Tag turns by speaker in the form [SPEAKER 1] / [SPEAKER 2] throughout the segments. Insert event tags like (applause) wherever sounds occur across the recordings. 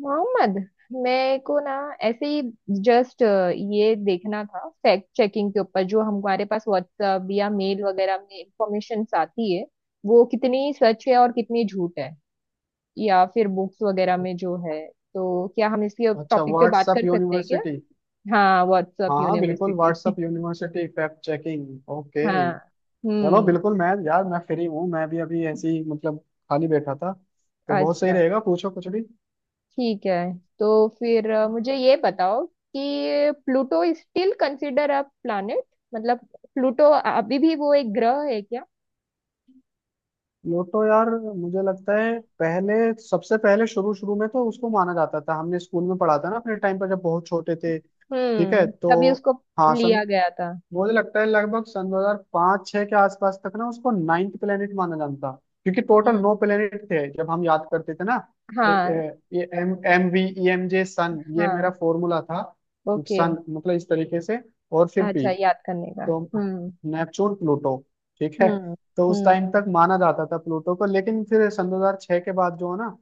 [SPEAKER 1] मोहम्मद, मेरे को ना ऐसे ही जस्ट ये देखना था फैक्ट चेकिंग के ऊपर। जो हमारे पास व्हाट्सएप या मेल वगैरह में इंफॉर्मेशन आती है, वो कितनी सच है और कितनी झूठ है, या फिर बुक्स वगैरह में जो है। तो क्या हम इसके
[SPEAKER 2] अच्छा
[SPEAKER 1] टॉपिक पे बात
[SPEAKER 2] व्हाट्सअप
[SPEAKER 1] कर सकते हैं क्या?
[SPEAKER 2] यूनिवर्सिटी।
[SPEAKER 1] हाँ, व्हाट्सएप
[SPEAKER 2] हाँ हाँ बिल्कुल
[SPEAKER 1] university (laughs)
[SPEAKER 2] WhatsApp university fact checking. Okay.
[SPEAKER 1] हाँ।
[SPEAKER 2] चलो
[SPEAKER 1] हम्म।
[SPEAKER 2] बिल्कुल, मैं यार मैं फ्री हूँ, मैं भी अभी ऐसे ही मतलब खाली बैठा था, तो बहुत सही
[SPEAKER 1] अच्छा।
[SPEAKER 2] रहेगा, पूछो कुछ भी।
[SPEAKER 1] ठीक है। तो फिर मुझे ये बताओ कि Pluto still consider uh planet. मतलब प्लूटो अभी भी वो एक ग्रह है क्या?
[SPEAKER 2] लोटो यार, मुझे लगता है पहले, सबसे पहले शुरू शुरू में तो उसको माना जाता था, हमने स्कूल में पढ़ा था ना अपने टाइम पर जब बहुत छोटे थे, ठीक है,
[SPEAKER 1] हम्म,
[SPEAKER 2] तो
[SPEAKER 1] तभी उसको
[SPEAKER 2] हाँ सन
[SPEAKER 1] लिया गया था।
[SPEAKER 2] मुझे लगता है लगभग सन 2005 6 के आसपास तक ना उसको नाइन्थ प्लेनेट माना जाता, क्योंकि टोटल
[SPEAKER 1] हम्म।
[SPEAKER 2] नौ प्लेनेट थे जब हम याद करते थे ना। ए-
[SPEAKER 1] हाँ।
[SPEAKER 2] ए- ये M M V E M J sun, ये मेरा
[SPEAKER 1] हाँ।
[SPEAKER 2] फॉर्मूला था।
[SPEAKER 1] ओके।
[SPEAKER 2] सन मतलब इस तरीके से, और फिर पी,
[SPEAKER 1] अच्छा, याद करने का।
[SPEAKER 2] तो
[SPEAKER 1] हम्म।
[SPEAKER 2] नेपच्यून प्लूटो, ठीक है।
[SPEAKER 1] हम्म
[SPEAKER 2] तो उस
[SPEAKER 1] हम्म
[SPEAKER 2] टाइम तक माना जाता था प्लूटो को, लेकिन फिर सन 2006 के बाद जो है ना,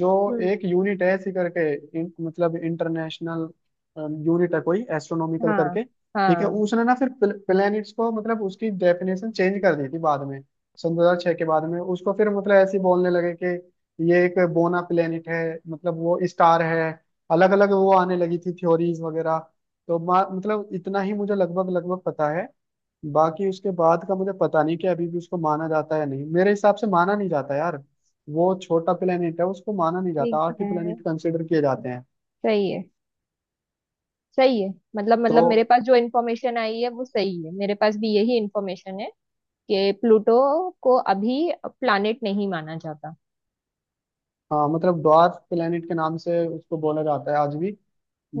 [SPEAKER 2] जो
[SPEAKER 1] हम्म,
[SPEAKER 2] एक यूनिट है ऐसी करके, मतलब इंटरनेशनल यूनिट है कोई एस्ट्रोनॉमिकल
[SPEAKER 1] हाँ।
[SPEAKER 2] करके, ठीक है,
[SPEAKER 1] हाँ।
[SPEAKER 2] उसने ना फिर प्लेनेट्स को मतलब उसकी डेफिनेशन चेंज कर दी थी बाद में। सन 2006 के बाद में उसको फिर मतलब ऐसे ही बोलने लगे कि ये एक बोना प्लेनेट है, मतलब वो स्टार है। अलग अलग वो आने लगी थी थ्योरीज वगैरह। तो मतलब इतना ही मुझे लगभग लगभग पता है। बाकी उसके बाद का मुझे पता नहीं कि अभी भी उसको माना जाता है या नहीं। मेरे हिसाब से माना नहीं जाता यार, वो छोटा प्लेनेट है, उसको माना नहीं
[SPEAKER 1] ठीक
[SPEAKER 2] जाता, आठ ही
[SPEAKER 1] है।
[SPEAKER 2] प्लेनेट कंसिडर किए जाते हैं।
[SPEAKER 1] सही है। सही है। मतलब
[SPEAKER 2] तो
[SPEAKER 1] मतलब मेरे पास जो इन्फॉर्मेशन आई है वो सही है, मेरे पास भी यही इन्फॉर्मेशन है कि प्लूटो को अभी प्लैनेट नहीं माना जाता।
[SPEAKER 2] हाँ मतलब ड्वार्फ प्लेनेट के नाम से उसको बोला जाता है आज भी।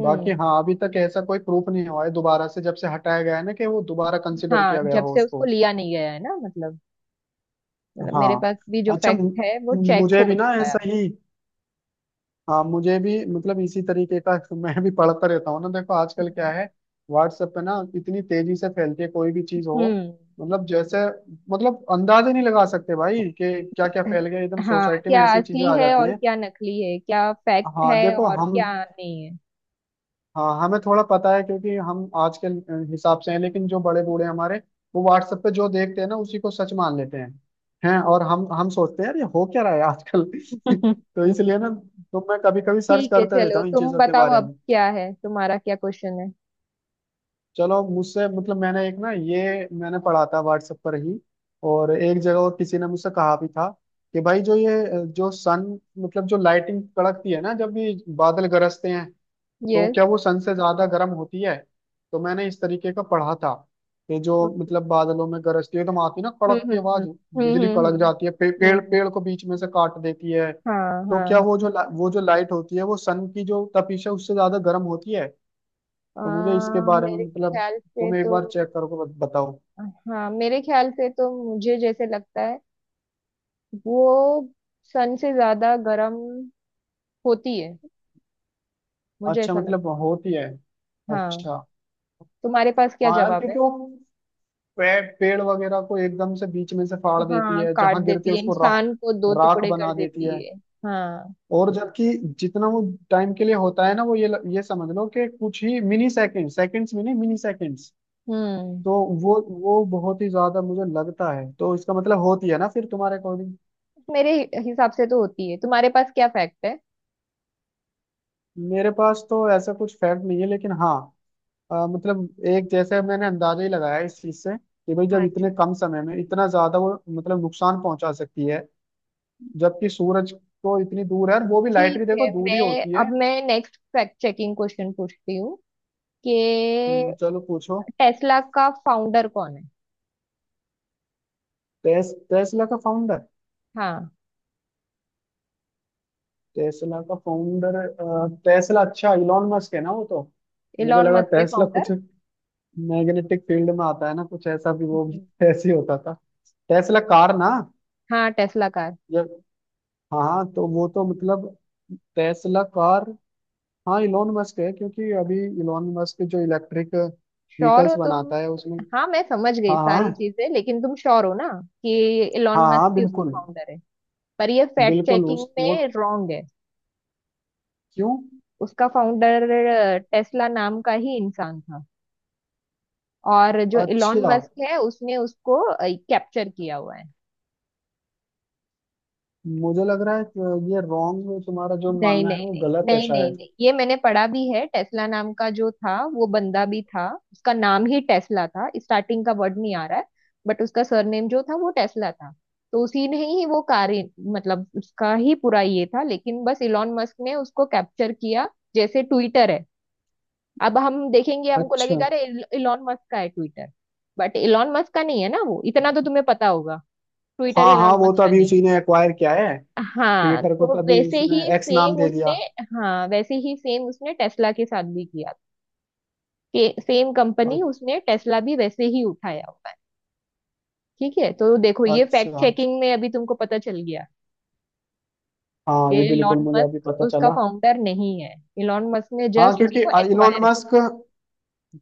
[SPEAKER 2] बाकी हाँ अभी तक ऐसा कोई प्रूफ नहीं हुआ है दोबारा से जब से हटाया गया है ना कि वो दोबारा कंसिडर
[SPEAKER 1] हाँ,
[SPEAKER 2] किया गया
[SPEAKER 1] जब
[SPEAKER 2] हो
[SPEAKER 1] से उसको
[SPEAKER 2] उसको।
[SPEAKER 1] लिया नहीं गया है ना। मतलब मेरे
[SPEAKER 2] हाँ
[SPEAKER 1] पास भी जो
[SPEAKER 2] अच्छा,
[SPEAKER 1] फैक्ट है वो चेक
[SPEAKER 2] मुझे
[SPEAKER 1] हो
[SPEAKER 2] भी ना
[SPEAKER 1] चुका है
[SPEAKER 2] ऐसा
[SPEAKER 1] अब।
[SPEAKER 2] ही। हाँ मुझे भी मतलब इसी तरीके का (laughs) मैं भी पढ़ता रहता हूँ ना, देखो आजकल क्या है, व्हाट्सएप पे ना इतनी तेजी से फैलती है कोई भी चीज हो,
[SPEAKER 1] हम्म।
[SPEAKER 2] मतलब जैसे मतलब अंदाजे नहीं लगा सकते भाई कि क्या क्या फैल गया, एकदम
[SPEAKER 1] हाँ,
[SPEAKER 2] सोसाइटी
[SPEAKER 1] क्या
[SPEAKER 2] में ऐसी चीजें
[SPEAKER 1] असली
[SPEAKER 2] आ
[SPEAKER 1] है
[SPEAKER 2] जाती
[SPEAKER 1] और
[SPEAKER 2] हैं।
[SPEAKER 1] क्या नकली है, क्या फैक्ट
[SPEAKER 2] हाँ
[SPEAKER 1] है
[SPEAKER 2] देखो
[SPEAKER 1] और
[SPEAKER 2] हम,
[SPEAKER 1] क्या नहीं है।
[SPEAKER 2] हाँ हमें थोड़ा पता है क्योंकि हम आज के हिसाब से हैं, लेकिन जो बड़े बूढ़े हमारे, वो व्हाट्सएप पे जो देखते हैं ना उसी को सच मान लेते हैं, और हम सोचते हैं यार ये हो क्या रहा है आजकल (laughs) तो
[SPEAKER 1] (laughs)
[SPEAKER 2] इसलिए ना, तो मैं कभी कभी सर्च
[SPEAKER 1] ठीक है,
[SPEAKER 2] करते रहता
[SPEAKER 1] चलो
[SPEAKER 2] हूँ इन
[SPEAKER 1] तुम
[SPEAKER 2] चीजों के
[SPEAKER 1] बताओ
[SPEAKER 2] बारे
[SPEAKER 1] अब
[SPEAKER 2] में।
[SPEAKER 1] क्या है, तुम्हारा क्या क्वेश्चन है?
[SPEAKER 2] चलो मुझसे मतलब मैंने एक ना, ये मैंने पढ़ा था व्हाट्सएप पर ही और एक जगह, और किसी ने मुझसे कहा भी था कि भाई जो ये जो सन मतलब जो लाइटिंग कड़कती है ना जब भी बादल गरजते हैं, तो
[SPEAKER 1] यस।
[SPEAKER 2] क्या वो सन से ज्यादा गर्म होती है। तो मैंने इस तरीके का पढ़ा था कि जो
[SPEAKER 1] ओके।
[SPEAKER 2] मतलब बादलों में गरजती है तो आती है ना
[SPEAKER 1] हम्म
[SPEAKER 2] कड़क की
[SPEAKER 1] हम्म
[SPEAKER 2] आवाज,
[SPEAKER 1] हम्म हम्म
[SPEAKER 2] बिजली
[SPEAKER 1] हम्म
[SPEAKER 2] कड़क जाती है,
[SPEAKER 1] हम्म,
[SPEAKER 2] पेड़
[SPEAKER 1] हम्म,
[SPEAKER 2] पेड़ को बीच में से काट देती है,
[SPEAKER 1] हाँ
[SPEAKER 2] तो
[SPEAKER 1] हाँ
[SPEAKER 2] क्या
[SPEAKER 1] हाँ।
[SPEAKER 2] वो जो वो जो लाइट होती है वो सन की जो तपिश है उससे ज्यादा गर्म होती है। तो मुझे इसके बारे में
[SPEAKER 1] मेरे
[SPEAKER 2] मतलब,
[SPEAKER 1] ख्याल से
[SPEAKER 2] तुम एक
[SPEAKER 1] तो,
[SPEAKER 2] बार चेक करो बताओ।
[SPEAKER 1] हाँ मेरे ख्याल से तो मुझे जैसे लगता है वो सन से ज्यादा गर्म होती है। मुझे
[SPEAKER 2] अच्छा
[SPEAKER 1] ऐसा
[SPEAKER 2] मतलब
[SPEAKER 1] लगता
[SPEAKER 2] होती है,
[SPEAKER 1] है। हाँ,
[SPEAKER 2] अच्छा।
[SPEAKER 1] तुम्हारे पास क्या
[SPEAKER 2] हाँ यार
[SPEAKER 1] जवाब है?
[SPEAKER 2] क्योंकि वो, पेड़ वगैरह को एकदम से बीच में से फाड़ देती
[SPEAKER 1] हाँ,
[SPEAKER 2] है,
[SPEAKER 1] काट
[SPEAKER 2] जहां गिरती है
[SPEAKER 1] देती है,
[SPEAKER 2] उसको राख,
[SPEAKER 1] इंसान को दो
[SPEAKER 2] राख
[SPEAKER 1] टुकड़े कर
[SPEAKER 2] बना देती
[SPEAKER 1] देती
[SPEAKER 2] है,
[SPEAKER 1] है। हाँ।
[SPEAKER 2] और जबकि जितना वो टाइम के लिए होता है ना वो, ये ये समझ लो कि कुछ ही मिनी सेकंड सेकंड्स में, नहीं मिनी सेकंड्स,
[SPEAKER 1] हम्म,
[SPEAKER 2] तो वो बहुत ही ज्यादा मुझे लगता है, तो इसका मतलब होती है ना फिर तुम्हारे अकॉर्डिंग।
[SPEAKER 1] मेरे हिसाब से तो होती है, तुम्हारे पास क्या फैक्ट है?
[SPEAKER 2] मेरे पास तो ऐसा कुछ फैक्ट नहीं है लेकिन हाँ, मतलब एक जैसे मैंने अंदाजा ही लगाया इस चीज से कि भाई जब इतने
[SPEAKER 1] अच्छा।
[SPEAKER 2] कम समय में इतना ज्यादा वो मतलब नुकसान पहुंचा सकती है, जबकि सूरज तो इतनी दूर है, और वो भी लाइट
[SPEAKER 1] ठीक
[SPEAKER 2] भी देखो
[SPEAKER 1] है,
[SPEAKER 2] दूरी
[SPEAKER 1] मैं
[SPEAKER 2] होती
[SPEAKER 1] अब
[SPEAKER 2] है।
[SPEAKER 1] मैं नेक्स्ट फैक्ट चेकिंग क्वेश्चन पूछती हूँ कि
[SPEAKER 2] चलो पूछो।
[SPEAKER 1] टेस्ला का फाउंडर कौन है?
[SPEAKER 2] टेस्ला का फाउंडर,
[SPEAKER 1] हाँ,
[SPEAKER 2] टेस्ला का फाउंडर, टेस्ला अच्छा इलॉन मस्क है ना वो तो। मुझे
[SPEAKER 1] इलॉन
[SPEAKER 2] लगा
[SPEAKER 1] मस्क के
[SPEAKER 2] टेस्ला
[SPEAKER 1] फाउंडर?
[SPEAKER 2] कुछ मैग्नेटिक फील्ड में आता है ना कुछ ऐसा भी, वो भी (laughs) ऐसे ही होता था टेस्ला कार ना,
[SPEAKER 1] हाँ, टेस्ला का।
[SPEAKER 2] ये हाँ हाँ, तो वो तो मतलब टेस्ला कार हाँ इलोन मस्क है, क्योंकि अभी इलोन मस्क जो इलेक्ट्रिक
[SPEAKER 1] श्योर हो
[SPEAKER 2] व्हीकल्स
[SPEAKER 1] तुम?
[SPEAKER 2] बनाता है उसमें।
[SPEAKER 1] हाँ, मैं समझ गई
[SPEAKER 2] हाँ हाँ
[SPEAKER 1] सारी चीजें लेकिन तुम श्योर हो ना कि इलॉन
[SPEAKER 2] हाँ
[SPEAKER 1] मस्क
[SPEAKER 2] हाँ
[SPEAKER 1] ही
[SPEAKER 2] बिल्कुल,
[SPEAKER 1] उसका फाउंडर है? पर ये फैक्ट
[SPEAKER 2] बिल्कुल
[SPEAKER 1] चेकिंग
[SPEAKER 2] उस वो,
[SPEAKER 1] में रॉन्ग है।
[SPEAKER 2] क्यों?
[SPEAKER 1] उसका फाउंडर टेस्ला नाम का ही इंसान था, और जो इलॉन
[SPEAKER 2] अच्छा,
[SPEAKER 1] मस्क है उसने उसको कैप्चर किया हुआ है।
[SPEAKER 2] मुझे लग रहा है कि ये रॉन्ग, तुम्हारा जो
[SPEAKER 1] नहीं
[SPEAKER 2] मानना
[SPEAKER 1] नहीं
[SPEAKER 2] है वो
[SPEAKER 1] नहीं
[SPEAKER 2] गलत है
[SPEAKER 1] नहीं नहीं
[SPEAKER 2] शायद।
[SPEAKER 1] नहीं ये मैंने पढ़ा भी है। टेस्ला नाम का जो था वो बंदा भी था, उसका नाम ही टेस्ला था। स्टार्टिंग का वर्ड नहीं आ रहा है, बट उसका सरनेम जो था वो टेस्ला था। तो उसी ने ही वो कार, मतलब उसका ही पूरा ये था, लेकिन बस इलॉन मस्क ने उसको कैप्चर किया। जैसे ट्विटर है, अब हम देखेंगे हमको
[SPEAKER 2] अच्छा।
[SPEAKER 1] लगेगा अरे इलॉन मस्क का है ट्विटर, बट इलॉन मस्क का नहीं है ना, वो इतना तो तुम्हें पता होगा। ट्विटर
[SPEAKER 2] हाँ हाँ,
[SPEAKER 1] इलॉन
[SPEAKER 2] वो
[SPEAKER 1] मस्क
[SPEAKER 2] तो
[SPEAKER 1] का
[SPEAKER 2] अभी
[SPEAKER 1] नहीं है।
[SPEAKER 2] उसी ने एक्वायर किया है।
[SPEAKER 1] हाँ,
[SPEAKER 2] ट्विटर को तो
[SPEAKER 1] तो
[SPEAKER 2] अभी
[SPEAKER 1] वैसे ही
[SPEAKER 2] उसने एक्स नाम
[SPEAKER 1] सेम
[SPEAKER 2] दे दिया।
[SPEAKER 1] उसने, हाँ वैसे ही सेम उसने टेस्ला के साथ भी किया। कि सेम कंपनी
[SPEAKER 2] अ-
[SPEAKER 1] उसने टेस्ला भी वैसे ही उठाया हुआ है। ठीक है, तो देखो
[SPEAKER 2] अच्छा
[SPEAKER 1] ये फैक्ट
[SPEAKER 2] अच्छा,
[SPEAKER 1] चेकिंग में अभी तुमको पता चल गया
[SPEAKER 2] हाँ
[SPEAKER 1] कि
[SPEAKER 2] ये बिल्कुल
[SPEAKER 1] इलॉन
[SPEAKER 2] मुझे अभी
[SPEAKER 1] मस्क
[SPEAKER 2] पता
[SPEAKER 1] उसका
[SPEAKER 2] चला।
[SPEAKER 1] फाउंडर नहीं है, इलॉन मस्क ने
[SPEAKER 2] हाँ
[SPEAKER 1] जस्ट
[SPEAKER 2] क्योंकि
[SPEAKER 1] उसको
[SPEAKER 2] इलोन
[SPEAKER 1] एक्वायर।
[SPEAKER 2] मस्क,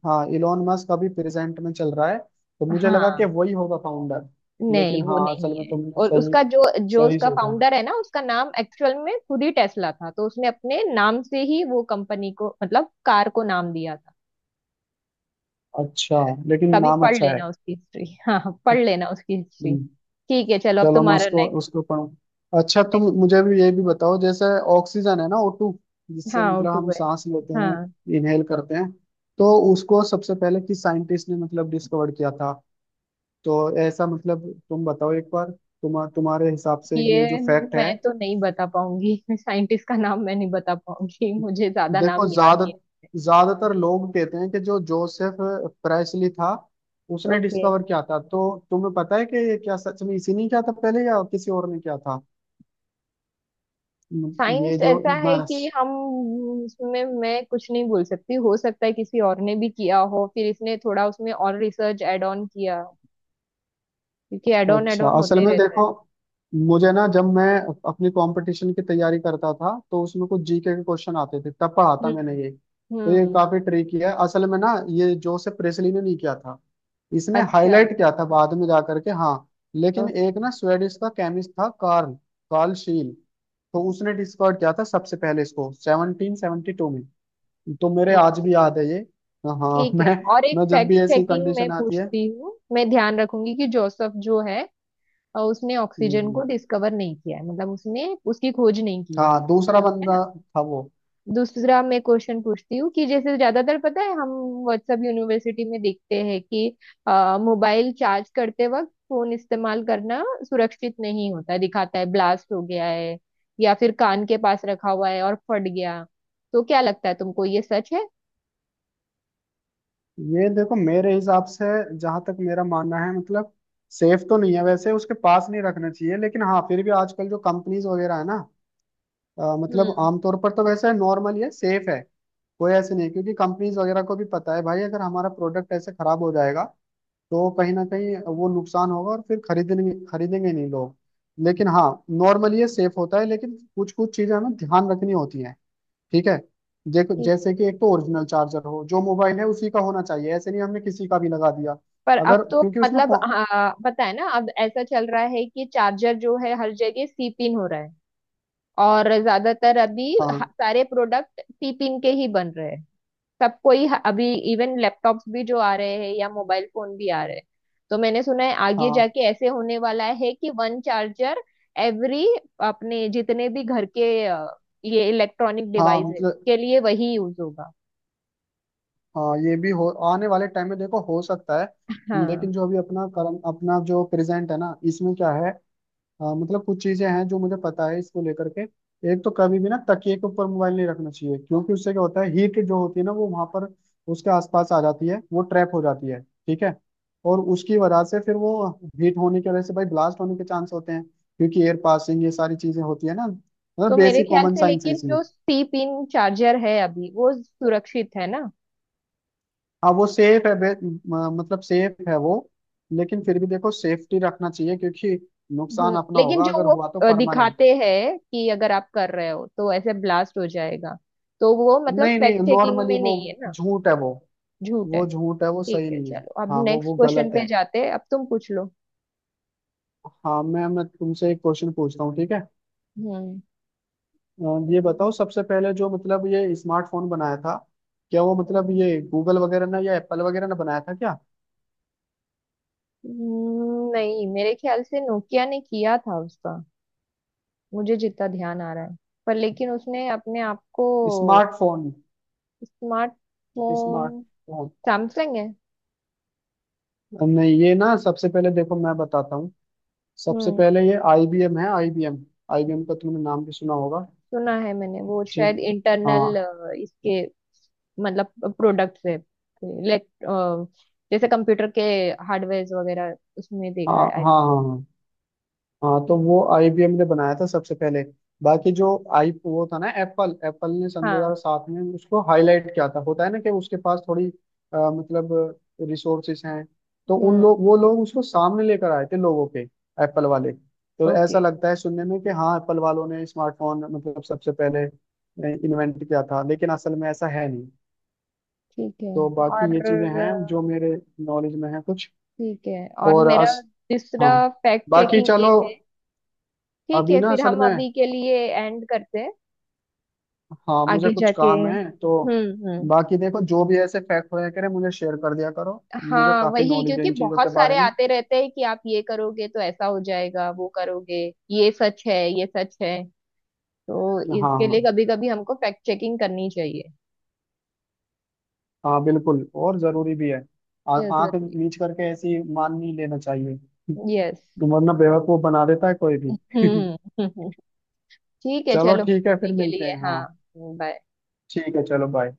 [SPEAKER 2] हाँ इलोन मस्क अभी प्रेजेंट में चल रहा है तो मुझे लगा कि
[SPEAKER 1] हाँ,
[SPEAKER 2] वही होगा फाउंडर। लेकिन
[SPEAKER 1] नहीं वो
[SPEAKER 2] हाँ असल
[SPEAKER 1] नहीं
[SPEAKER 2] में
[SPEAKER 1] है।
[SPEAKER 2] तुमने
[SPEAKER 1] और
[SPEAKER 2] सही,
[SPEAKER 1] उसका जो, जो
[SPEAKER 2] सही
[SPEAKER 1] उसका
[SPEAKER 2] सोचा।
[SPEAKER 1] फाउंडर है ना, उसका नाम एक्चुअल में खुद ही टेस्ला था, तो उसने अपने नाम से ही वो कंपनी को, मतलब कार को नाम दिया था।
[SPEAKER 2] अच्छा, लेकिन
[SPEAKER 1] कभी
[SPEAKER 2] नाम
[SPEAKER 1] पढ़
[SPEAKER 2] अच्छा है।
[SPEAKER 1] लेना उसकी हिस्ट्री। हाँ हाँ, पढ़ लेना उसकी हिस्ट्री।
[SPEAKER 2] हम्म,
[SPEAKER 1] ठीक है, चलो अब
[SPEAKER 2] चलो मैं
[SPEAKER 1] तुम्हारा
[SPEAKER 2] उसको
[SPEAKER 1] नेक्स्ट।
[SPEAKER 2] उसको पढ़ूँ। अच्छा तुम
[SPEAKER 1] नेक्स्ट।
[SPEAKER 2] मुझे भी ये भी बताओ, जैसे ऑक्सीजन है ना O2, जिससे
[SPEAKER 1] हाँ,
[SPEAKER 2] मतलब
[SPEAKER 1] टू
[SPEAKER 2] हम
[SPEAKER 1] है।
[SPEAKER 2] सांस लेते हैं,
[SPEAKER 1] हाँ।
[SPEAKER 2] इनहेल करते हैं, तो उसको सबसे पहले किस साइंटिस्ट ने मतलब डिस्कवर किया था, तो ऐसा मतलब तुम बताओ एक बार, तुम्हारे हिसाब से ये जो
[SPEAKER 1] ये
[SPEAKER 2] फैक्ट है।
[SPEAKER 1] मैं तो नहीं बता पाऊंगी (laughs) साइंटिस्ट का नाम मैं नहीं बता पाऊंगी, मुझे ज्यादा
[SPEAKER 2] देखो
[SPEAKER 1] नाम याद नहीं।
[SPEAKER 2] ज्यादातर लोग कहते हैं कि जो जोसेफ प्रेसली था उसने
[SPEAKER 1] ओके।
[SPEAKER 2] डिस्कवर किया था, तो तुम्हें पता है कि ये क्या सच में इसी ने किया था पहले या किसी और ने किया था?
[SPEAKER 1] साइंस
[SPEAKER 2] ये जो,
[SPEAKER 1] ऐसा है कि हम, उसमें मैं कुछ नहीं बोल सकती, हो सकता है किसी और ने भी किया हो फिर इसने थोड़ा उसमें और रिसर्च एड ऑन किया हो, क्योंकि एड ऑन एड
[SPEAKER 2] अच्छा
[SPEAKER 1] ऑन
[SPEAKER 2] असल
[SPEAKER 1] होते
[SPEAKER 2] में
[SPEAKER 1] रहता है।
[SPEAKER 2] देखो, मुझे ना जब मैं अपनी कंपटीशन की तैयारी करता था तो उसमें कुछ जीके के क्वेश्चन आते थे, तब पढ़ा था मैंने
[SPEAKER 1] हम्म।
[SPEAKER 2] ये, तो ये
[SPEAKER 1] हम्म।
[SPEAKER 2] काफी ट्रिकी है असल में ना, ये जोसेफ प्रेसली ने नहीं किया था। इसने
[SPEAKER 1] अच्छा।
[SPEAKER 2] हाईलाइट किया था बाद में जा करके, हाँ, लेकिन एक
[SPEAKER 1] ओके।
[SPEAKER 2] ना स्वेडिश का केमिस्ट था कार्ल, कार्ल शील, तो उसने डिस्कवर किया था सबसे पहले इसको 1772 में, तो मेरे आज
[SPEAKER 1] ओके।
[SPEAKER 2] भी याद है ये। हाँ
[SPEAKER 1] ठीक है, और एक
[SPEAKER 2] मैं जब
[SPEAKER 1] फैक्ट
[SPEAKER 2] भी ऐसी
[SPEAKER 1] चेकिंग मैं
[SPEAKER 2] कंडीशन आती है।
[SPEAKER 1] पूछती हूँ। मैं ध्यान रखूंगी कि जोसेफ जो है उसने
[SPEAKER 2] हम्म,
[SPEAKER 1] ऑक्सीजन को
[SPEAKER 2] हम्म।
[SPEAKER 1] डिस्कवर नहीं किया है, मतलब उसने उसकी खोज नहीं की है
[SPEAKER 2] हाँ दूसरा
[SPEAKER 1] है
[SPEAKER 2] बंदा
[SPEAKER 1] ना।
[SPEAKER 2] था वो।
[SPEAKER 1] दूसरा मैं क्वेश्चन पूछती हूँ कि जैसे ज्यादातर पता है, हम व्हाट्सएप यूनिवर्सिटी में देखते हैं कि मोबाइल चार्ज करते वक्त फोन इस्तेमाल करना सुरक्षित नहीं होता, दिखाता है ब्लास्ट हो गया है या फिर कान के पास रखा हुआ है और फट गया। तो क्या लगता है तुमको, ये सच है?
[SPEAKER 2] ये देखो मेरे हिसाब से, जहां तक मेरा मानना है मतलब, सेफ तो नहीं है वैसे उसके पास नहीं रखना चाहिए, लेकिन हाँ फिर भी आजकल जो कंपनीज वगैरह है ना, मतलब
[SPEAKER 1] हम्म।
[SPEAKER 2] आमतौर पर तो वैसे नॉर्मल है, सेफ है, कोई ऐसे नहीं है, क्योंकि कंपनीज वगैरह को भी पता है भाई अगर हमारा प्रोडक्ट ऐसे खराब हो जाएगा तो कहीं ना कहीं वो नुकसान होगा, और फिर खरीदेंगे खरीदेंगे नहीं लोग। लेकिन हाँ नॉर्मल ये सेफ होता है, लेकिन कुछ कुछ चीजें हमें ध्यान रखनी होती हैं, ठीक है। देखो जैसे कि एक तो ओरिजिनल चार्जर हो जो मोबाइल है उसी का होना चाहिए, ऐसे नहीं हमने किसी का भी लगा दिया,
[SPEAKER 1] पर
[SPEAKER 2] अगर
[SPEAKER 1] अब तो
[SPEAKER 2] क्योंकि उसमें
[SPEAKER 1] मतलब हाँ, पता है ना अब ऐसा चल रहा है कि चार्जर जो है हर जगह सी पिन हो रहा है। और ज्यादातर अभी
[SPEAKER 2] हाँ
[SPEAKER 1] सारे प्रोडक्ट सी पिन के ही बन रहे हैं। सब कोई अभी इवन लैपटॉप्स भी जो आ रहे हैं या मोबाइल फोन भी आ रहे हैं। तो मैंने सुना है आगे
[SPEAKER 2] हाँ
[SPEAKER 1] जाके ऐसे होने वाला है कि वन चार्जर एवरी, अपने जितने भी घर के ये इलेक्ट्रॉनिक
[SPEAKER 2] हाँ
[SPEAKER 1] डिवाइस है,
[SPEAKER 2] मतलब,
[SPEAKER 1] के लिए वही यूज होगा।
[SPEAKER 2] हाँ ये भी हो आने वाले टाइम में देखो हो सकता है,
[SPEAKER 1] हाँ,
[SPEAKER 2] लेकिन जो अभी अपना करंट, अपना जो प्रेजेंट है ना इसमें क्या है, हाँ मतलब कुछ चीजें हैं जो मुझे पता है इसको लेकर के। एक तो कभी भी ना तकिए के ऊपर मोबाइल नहीं रखना चाहिए, क्योंकि उससे क्या होता है, हीट जो होती है ना वो वहां पर उसके आसपास आ जाती है, वो ट्रैप हो जाती है, ठीक है, और उसकी वजह से फिर वो हीट होने की वजह से भाई ब्लास्ट होने के चांस होते हैं, क्योंकि एयर पासिंग ये सारी चीजें होती है ना, मतलब
[SPEAKER 1] तो मेरे
[SPEAKER 2] बेसिक
[SPEAKER 1] ख्याल
[SPEAKER 2] कॉमन
[SPEAKER 1] से
[SPEAKER 2] साइंस है
[SPEAKER 1] लेकिन
[SPEAKER 2] इसमें।
[SPEAKER 1] जो सी पिन चार्जर है अभी वो सुरक्षित है ना।
[SPEAKER 2] हाँ वो सेफ है, मतलब सेफ है वो, लेकिन फिर भी देखो सेफ्टी रखना चाहिए क्योंकि नुकसान अपना
[SPEAKER 1] लेकिन
[SPEAKER 2] होगा
[SPEAKER 1] जो
[SPEAKER 2] अगर
[SPEAKER 1] वो
[SPEAKER 2] हुआ तो परमानेंट।
[SPEAKER 1] दिखाते हैं कि अगर आप कर रहे हो तो ऐसे ब्लास्ट हो जाएगा, तो वो मतलब
[SPEAKER 2] नहीं नहीं,
[SPEAKER 1] फैक्ट चेकिंग
[SPEAKER 2] नॉर्मली
[SPEAKER 1] में
[SPEAKER 2] वो
[SPEAKER 1] नहीं है ना।
[SPEAKER 2] झूठ है वो
[SPEAKER 1] झूठ है।
[SPEAKER 2] वो झूठ है, वो
[SPEAKER 1] ठीक
[SPEAKER 2] सही
[SPEAKER 1] है
[SPEAKER 2] नहीं है।
[SPEAKER 1] चलो, अब
[SPEAKER 2] हाँ
[SPEAKER 1] नेक्स्ट
[SPEAKER 2] वो गलत
[SPEAKER 1] क्वेश्चन
[SPEAKER 2] है।
[SPEAKER 1] पे जाते हैं, अब तुम पूछ लो।
[SPEAKER 2] हाँ मैं तुमसे एक क्वेश्चन पूछता हूँ, ठीक है।
[SPEAKER 1] हम्म।
[SPEAKER 2] अ, ये बताओ सबसे पहले जो मतलब ये स्मार्टफोन बनाया था, क्या वो मतलब ये गूगल वगैरह ने या एप्पल वगैरह ने बनाया था क्या?
[SPEAKER 1] नहीं मेरे ख्याल से नोकिया ने किया था उसका, मुझे जितना ध्यान आ रहा है। पर लेकिन उसने अपने आप को,
[SPEAKER 2] स्मार्टफोन,
[SPEAKER 1] स्मार्टफोन,
[SPEAKER 2] स्मार्टफोन
[SPEAKER 1] सैमसंग है।
[SPEAKER 2] नहीं, ये ना सबसे पहले देखो मैं बताता हूँ, सबसे
[SPEAKER 1] हम्म,
[SPEAKER 2] पहले ये आईबीएम है, आईबीएम, आईबीएम का तुमने नाम भी सुना होगा,
[SPEAKER 1] सुना है मैंने, वो
[SPEAKER 2] ठीक।
[SPEAKER 1] शायद
[SPEAKER 2] हाँ
[SPEAKER 1] इंटरनल इसके मतलब प्रोडक्ट है, इलेक्ट, जैसे कंप्यूटर के हार्डवेयर वगैरह उसमें
[SPEAKER 2] हाँ
[SPEAKER 1] देखा है। I
[SPEAKER 2] हाँ हाँ, हाँ हाँ तो
[SPEAKER 1] think।
[SPEAKER 2] वो आईबीएम ने बनाया था सबसे पहले। बाकी जो आई, वो था ना एप्पल, एप्पल ने सन
[SPEAKER 1] हाँ।
[SPEAKER 2] 2007 में उसको हाईलाइट किया था, होता है ना कि उसके पास थोड़ी मतलब रिसोर्सेस हैं, तो उन
[SPEAKER 1] हम्म।
[SPEAKER 2] लोग वो लोग उसको सामने लेकर आए थे लोगों के। एप्पल वाले तो
[SPEAKER 1] ओके।
[SPEAKER 2] ऐसा लगता है सुनने में कि हाँ एप्पल वालों ने स्मार्टफोन मतलब सबसे पहले इन्वेंट किया था, लेकिन असल में ऐसा है नहीं।
[SPEAKER 1] ठीक है।
[SPEAKER 2] तो बाकी ये
[SPEAKER 1] और
[SPEAKER 2] चीजें हैं जो मेरे नॉलेज में है कुछ,
[SPEAKER 1] ठीक है, और
[SPEAKER 2] और
[SPEAKER 1] मेरा
[SPEAKER 2] अस, हाँ
[SPEAKER 1] तीसरा फैक्ट
[SPEAKER 2] बाकी
[SPEAKER 1] चेकिंग ये
[SPEAKER 2] चलो।
[SPEAKER 1] है। ठीक
[SPEAKER 2] अभी
[SPEAKER 1] है,
[SPEAKER 2] ना
[SPEAKER 1] फिर
[SPEAKER 2] असल
[SPEAKER 1] हम
[SPEAKER 2] में,
[SPEAKER 1] अभी के लिए एंड करते हैं।
[SPEAKER 2] हाँ मुझे
[SPEAKER 1] आगे
[SPEAKER 2] कुछ
[SPEAKER 1] जाके।
[SPEAKER 2] काम है तो,
[SPEAKER 1] हम्म। हम्म।
[SPEAKER 2] बाकी देखो जो भी ऐसे फैक्ट होया करे मुझे शेयर कर दिया करो, मुझे
[SPEAKER 1] हाँ
[SPEAKER 2] काफी
[SPEAKER 1] वही,
[SPEAKER 2] नॉलेज है
[SPEAKER 1] क्योंकि
[SPEAKER 2] इन चीजों
[SPEAKER 1] बहुत
[SPEAKER 2] के बारे
[SPEAKER 1] सारे
[SPEAKER 2] में।
[SPEAKER 1] आते रहते हैं कि आप ये करोगे तो ऐसा हो जाएगा, वो करोगे। ये सच है, ये सच है, तो
[SPEAKER 2] हाँ
[SPEAKER 1] इसके लिए
[SPEAKER 2] हाँ,
[SPEAKER 1] कभी कभी हमको फैक्ट चेकिंग करनी चाहिए।
[SPEAKER 2] हाँ बिल्कुल और जरूरी भी है,
[SPEAKER 1] ये
[SPEAKER 2] आंख
[SPEAKER 1] जरूरी।
[SPEAKER 2] नीच करके ऐसी मान नहीं लेना चाहिए,
[SPEAKER 1] यस।
[SPEAKER 2] वरना बेवकूफ बना देता है कोई भी (laughs)
[SPEAKER 1] हम्म। (laughs) ठीक है
[SPEAKER 2] चलो
[SPEAKER 1] चलो,
[SPEAKER 2] ठीक है
[SPEAKER 1] अभी
[SPEAKER 2] फिर
[SPEAKER 1] के
[SPEAKER 2] मिलते
[SPEAKER 1] लिए
[SPEAKER 2] हैं
[SPEAKER 1] हाँ।
[SPEAKER 2] हाँ,
[SPEAKER 1] बाय।
[SPEAKER 2] ठीक है चलो बाय।